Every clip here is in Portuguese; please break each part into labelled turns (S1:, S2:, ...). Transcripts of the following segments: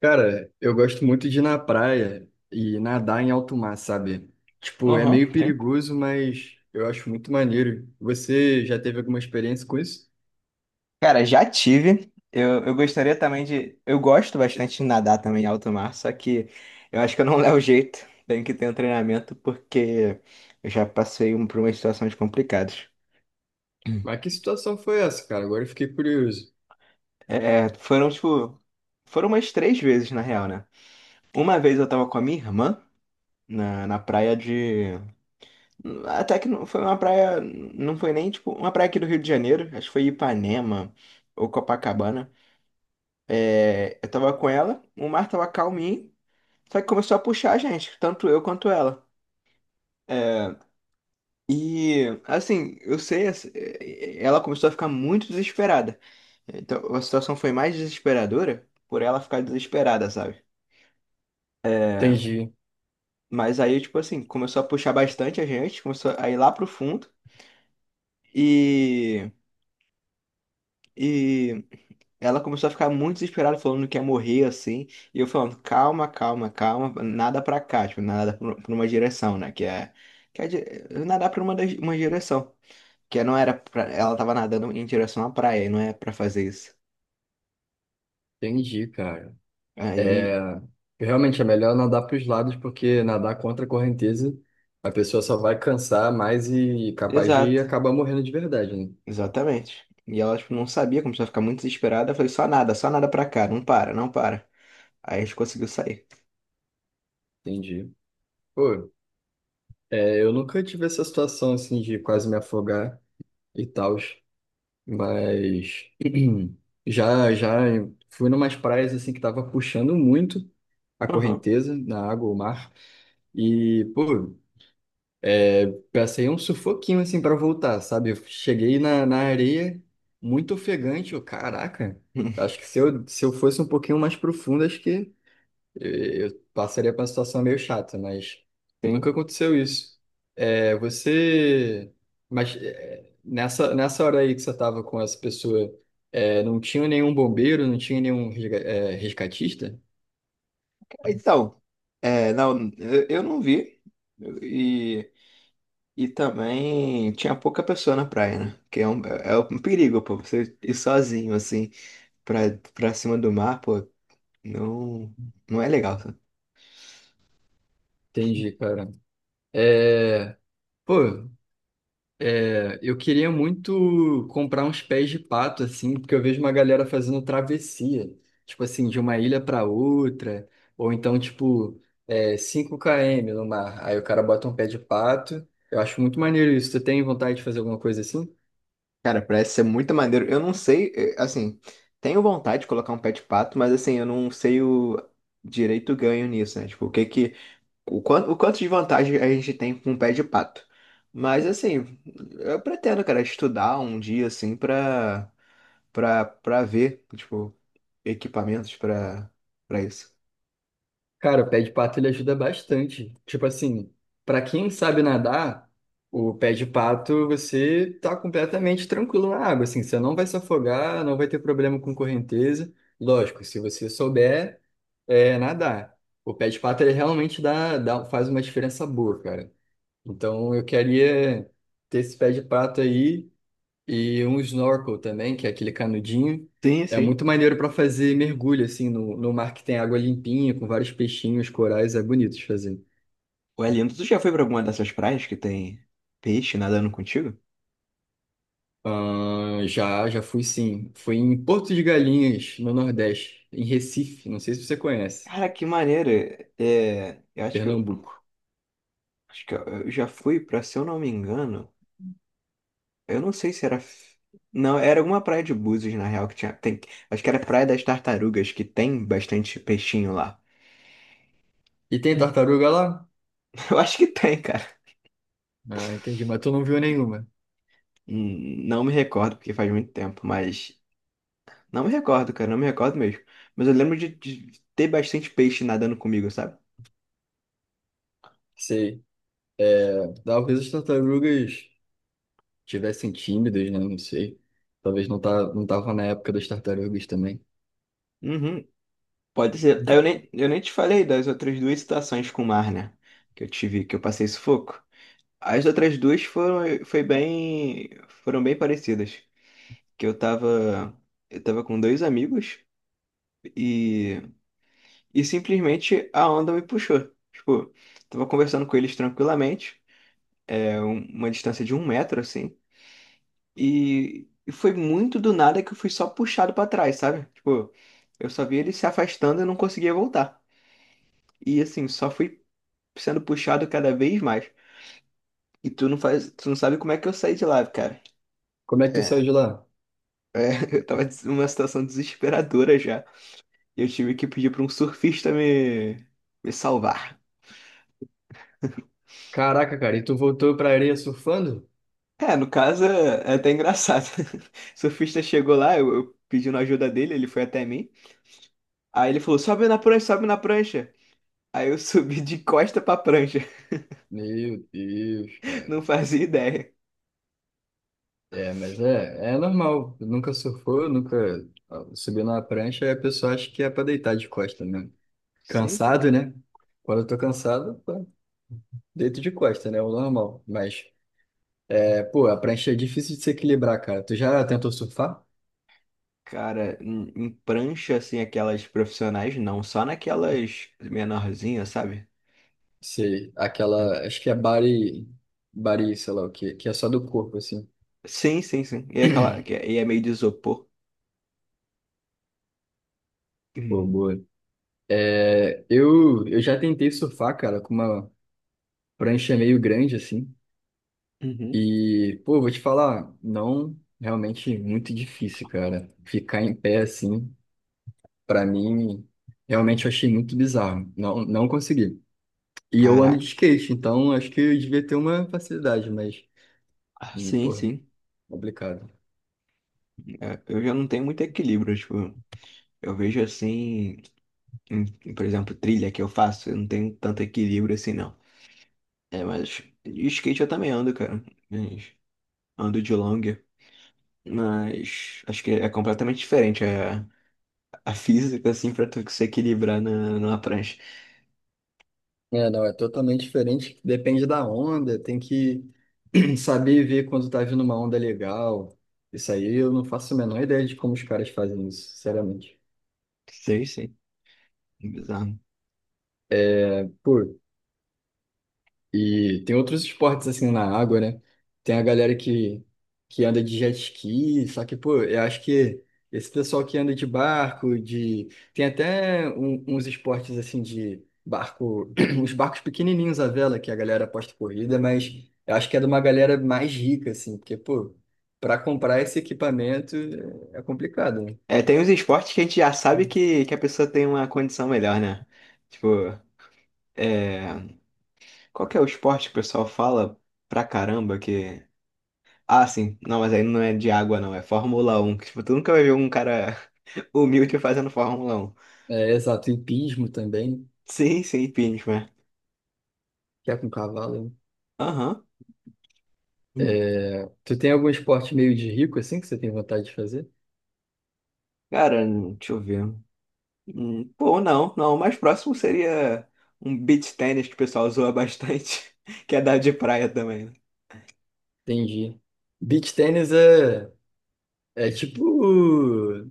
S1: Cara, eu gosto muito de ir na praia e nadar em alto mar, sabe? Tipo, é
S2: Aham,
S1: meio
S2: sim.
S1: perigoso, mas eu acho muito maneiro. Você já teve alguma experiência com isso?
S2: Cara, já tive. Eu gostaria também de. Eu gosto bastante de nadar também em alto mar, só que eu acho que eu não levo jeito. Tenho que ter um treinamento porque eu já passei um, por umas situações complicadas.
S1: Mas que situação foi essa, cara? Agora eu fiquei curioso.
S2: É, é, foram, tipo. Foram umas três vezes, na real, né? Uma vez eu tava com a minha irmã na praia de. Até que não foi uma praia. Não foi nem, tipo, uma praia aqui do Rio de Janeiro. Acho que foi Ipanema ou Copacabana. É, eu tava com ela, o mar tava calminho, só que começou a puxar a gente, tanto eu quanto ela. E assim, eu sei, assim, ela começou a ficar muito desesperada. Então a situação foi mais desesperadora por ela ficar desesperada, sabe?
S1: Entendi,
S2: Mas aí, tipo assim, começou a puxar bastante a gente, começou a ir lá pro fundo. E, e ela começou a ficar muito desesperada, falando que ia morrer assim. E eu falando, calma, calma, calma, nada pra cá, tipo, nada pra uma direção, né? Que é. Que é di- nadar pra uma, uma direção. Que não era pra, ela tava nadando em direção à praia, e não é pra fazer isso.
S1: entendi, cara. É,
S2: Aí.
S1: realmente é melhor nadar para os lados, porque nadar contra a correnteza, a pessoa só vai cansar mais e capaz de
S2: Exato,
S1: acabar morrendo de verdade, né?
S2: exatamente. E ela, tipo, não sabia, começou a ficar muito desesperada. Eu falei, só nada pra cá, não para, não para. Aí a gente conseguiu sair.
S1: Entendi. Pô, é, eu nunca tive essa situação assim de quase me afogar e tal. Mas já já fui numas praias assim que tava puxando muito a
S2: Uhum.
S1: correnteza na água, o mar. E, pô, é, passei um sufoquinho assim para voltar, sabe? Eu cheguei na areia muito ofegante, eu, caraca. Acho que se eu fosse um pouquinho mais profundo, acho que eu passaria por uma situação meio chata, mas
S2: Sim.
S1: nunca aconteceu isso. É, você. Mas é, nessa hora aí que você estava com essa pessoa, é, não tinha nenhum bombeiro, não tinha nenhum é, resgatista?
S2: Então, é, não, eu não vi. E. E também tinha pouca pessoa na praia, né? Que é um perigo, pô. Você ir sozinho, assim, pra, pra cima do mar, pô, não, não é legal. Sabe?
S1: Entendi, cara. É, pô, é, eu queria muito comprar uns pés de pato, assim, porque eu vejo uma galera fazendo travessia, tipo assim, de uma ilha para outra, ou então, tipo, é, 5 km no mar. Aí o cara bota um pé de pato. Eu acho muito maneiro isso. Tu tem vontade de fazer alguma coisa assim?
S2: Cara, parece ser muito maneiro. Eu não sei, assim, tenho vontade de colocar um pé de pato, mas assim, eu não sei o direito ganho nisso, né? Tipo, o que que. O quanto de vantagem a gente tem com um pé de pato. Mas assim, eu pretendo, cara, estudar um dia, assim, pra ver, tipo. Equipamentos pra para isso.
S1: Cara, o pé de pato ele ajuda bastante. Tipo assim, pra quem sabe nadar, o pé de pato você tá completamente tranquilo na água, assim, você não vai se afogar, não vai ter problema com correnteza. Lógico, se você souber é, nadar. O pé de pato ele realmente dá, faz uma diferença boa, cara. Então eu queria ter esse pé de pato aí. E um snorkel também, que é aquele canudinho.
S2: Sim,
S1: É
S2: sim.
S1: muito maneiro para fazer mergulho, assim, no mar que tem água limpinha, com vários peixinhos, corais, é bonito de fazer.
S2: Ué, lindo, tu já foi pra alguma dessas praias que tem peixe nadando contigo?
S1: Já fui sim. Fui em Porto de Galinhas, no Nordeste, em Recife, não sei se você conhece,
S2: Cara, que maneiro. É, eu acho que eu,
S1: Pernambuco.
S2: acho que eu já fui pra, se eu não me engano, eu não sei se era. Não, era alguma praia de Búzios, na real, que tinha. Tem, acho que era Praia das Tartarugas, que tem bastante peixinho lá.
S1: E tem
S2: Hum,
S1: tartaruga lá?
S2: eu acho que tem, cara.
S1: Ah, entendi, mas tu não viu nenhuma.
S2: Não me recordo, porque faz muito tempo, mas. Não me recordo, cara, não me recordo mesmo. Mas eu lembro de ter bastante peixe nadando comigo, sabe?
S1: Sei. É, talvez as tartarugas tivessem tímidas, né? Não sei. Talvez não, tá, não tava na época das tartarugas também.
S2: Uhum, pode ser. Eu nem te falei das outras duas situações com o mar, né? Que eu tive, que eu passei sufoco. As outras duas foram, foi bem, foram bem parecidas. Que eu tava com dois amigos e, e simplesmente a onda me puxou. Tipo, tava conversando com eles tranquilamente, é uma distância de um metro, assim. E foi muito do nada que eu fui só puxado pra trás, sabe? Tipo, eu só vi eles se afastando e não conseguia voltar. E assim, só fui sendo puxado cada vez mais. E tu não faz, tu não sabe como é que eu saí de lá, cara.
S1: Como é que tu
S2: É,
S1: saiu de lá?
S2: é, eu tava numa situação desesperadora já. E eu tive que pedir pra um surfista me, salvar.
S1: Caraca, cara, e tu voltou pra areia surfando?
S2: É, no caso é até engraçado. O surfista chegou lá, eu pedindo ajuda dele, ele foi até mim. Aí ele falou: sobe na prancha, sobe na prancha. Aí eu subi de costa pra prancha.
S1: Meu Deus, cara.
S2: Não fazia ideia.
S1: É, mas é, é normal. Nunca surfou, nunca subiu na prancha, aí a pessoa acha que é pra deitar de costa mesmo.
S2: Sim, sim.
S1: Cansado, né? Quando eu tô cansado, pô, deito de costa, né? É o normal. Mas, é, pô, a prancha é difícil de se equilibrar, cara. Tu já tentou surfar?
S2: Cara, em prancha, assim, aquelas profissionais, não, só naquelas menorzinhas, sabe?
S1: Sei, aquela, acho que é body, sei lá o quê, que é só do corpo, assim.
S2: Sim, sim, sim. E é aquela. E é meio de isopor.
S1: Pô,
S2: Hum.
S1: boa. É, eu já tentei surfar, cara, com uma prancha é meio grande, assim.
S2: Uhum.
S1: E, pô, eu vou te falar, não, realmente muito difícil, cara. Ficar em pé, assim, pra mim, realmente eu achei muito bizarro. Não, não consegui. E eu ando de
S2: Caraca.
S1: skate, então acho que eu devia ter uma facilidade, mas,
S2: Ah, sim,
S1: porra,
S2: sim.
S1: complicado.
S2: É, eu já não tenho muito equilíbrio, tipo, eu vejo assim, por exemplo, trilha que eu faço, eu não tenho tanto equilíbrio assim, não. É, mas e skate eu também ando, cara. Mas ando de longa, mas acho que é completamente diferente a física, assim, pra tu se equilibrar na, numa prancha.
S1: É, não, é totalmente diferente, depende da onda, tem que saber ver quando tá vindo uma onda legal. Isso aí eu não faço a menor ideia de como os caras fazem isso, sinceramente.
S2: Sei, sei. Bizarro.
S1: Pô, e tem outros esportes assim na água, né? Tem a galera que anda de jet ski, só que, pô, eu acho que esse pessoal que anda de barco, de. Tem até uns esportes assim de barco, uns barcos pequenininhos à vela que a galera aposta corrida, mas eu acho que é de uma galera mais rica, assim, porque, pô, para comprar esse equipamento é complicado, né?
S2: É, tem uns esportes que a gente já sabe que a pessoa tem uma condição melhor, né? Tipo, é... qual que é o esporte que o pessoal fala pra caramba que. Ah, sim, não, mas aí não é de água, não, é Fórmula um. Que, tipo, tu nunca vai ver um cara humilde fazendo Fórmula um.
S1: É, exato, hipismo também,
S2: Sim, sim, impeachment.
S1: que é com cavalo, né?
S2: Aham.
S1: É, tu tem algum esporte meio de rico assim que você tem vontade de fazer?
S2: Cara, deixa eu ver. Pô, não, não, o mais próximo seria um beach tennis que o pessoal zoa bastante, que é da de praia também. Né?
S1: Entendi. Beach tennis é, é tipo.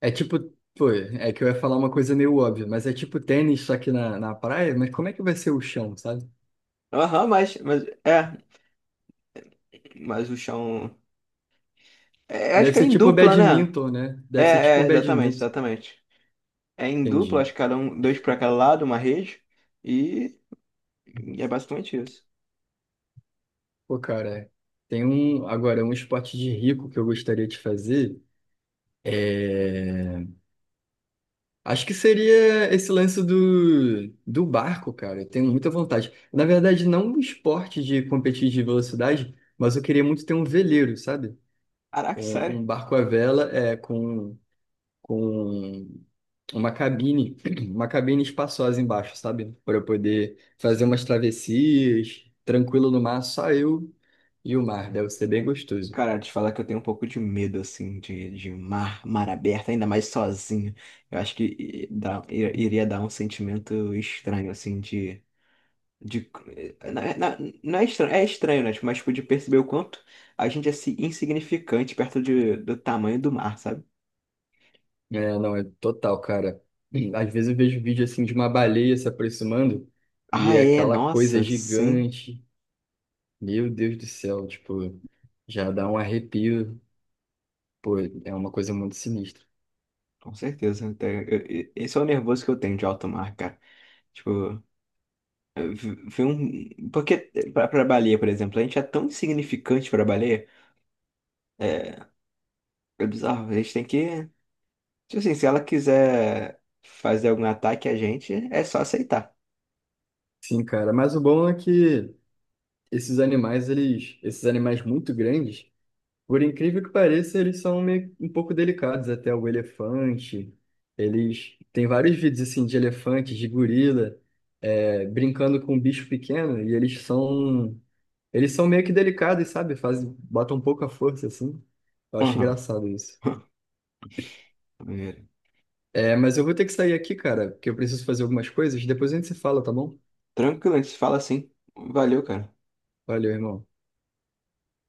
S1: É tipo. Pô, é que eu ia falar uma coisa meio óbvia, mas é tipo tênis, só que na praia. Mas como é que vai ser o chão, sabe?
S2: Aham, mas é, mas o chão. É, acho
S1: Deve
S2: que é
S1: ser
S2: em
S1: tipo
S2: dupla, né?
S1: badminton, né?
S2: É,
S1: Deve ser tipo
S2: é, exatamente,
S1: badminton.
S2: exatamente. É em dupla,
S1: Entendi.
S2: acho que cada um, dois pra cada lado, uma rede. E, e é basicamente isso.
S1: Pô, cara, tem um. Agora, um esporte de rico que eu gostaria de fazer. É. Acho que seria esse lance do barco, cara. Eu tenho muita vontade. Na verdade, não um esporte de competir de velocidade, mas eu queria muito ter um veleiro, sabe?
S2: Caraca,
S1: Um,
S2: sério?
S1: um barco à vela é, com uma cabine, uma cabine espaçosa embaixo, sabe? Para eu poder fazer
S2: Sim.
S1: umas travessias, tranquilo no mar, só eu e o mar. Deve ser bem gostoso.
S2: Cara, te falar que eu tenho um pouco de medo, assim, de mar, mar aberto, ainda mais sozinho. Eu acho que iria dar um sentimento estranho, assim, de. De não é estranho, é estranho, né? Tipo, mas, tipo, de perceber o quanto a gente é assim, insignificante perto de, do tamanho do mar, sabe?
S1: É, não, é total, cara. Às vezes eu vejo vídeo assim de uma baleia se aproximando e
S2: Ah,
S1: é
S2: é,
S1: aquela coisa
S2: nossa, sim.
S1: gigante. Meu Deus do céu, tipo, já dá um arrepio. Pô, é uma coisa muito sinistra.
S2: Com certeza. Esse é o nervoso que eu tenho de alto mar, cara. Tipo, eu vi um. Porque pra baleia, por exemplo, a gente é tão insignificante pra baleia. É, é bizarro. A gente tem que. Tipo assim, se ela quiser fazer algum ataque a gente, é só aceitar.
S1: Sim, cara, mas o bom é que esses animais, eles, esses animais muito grandes, por incrível que pareça, eles são meio, um pouco delicados, até o elefante. Eles tem vários vídeos assim de elefante, de gorila, é, brincando com um bicho pequeno e eles são eles são meio que delicados, sabe? Fazem, botam um pouco a força, assim. Eu acho
S2: Aham.
S1: engraçado isso.
S2: Maneiro.
S1: É, mas eu vou ter que sair aqui, cara, porque eu preciso fazer algumas coisas. Depois a gente se fala, tá bom?
S2: Tranquilo, a gente se fala assim. Valeu, cara.
S1: Valeu, irmão.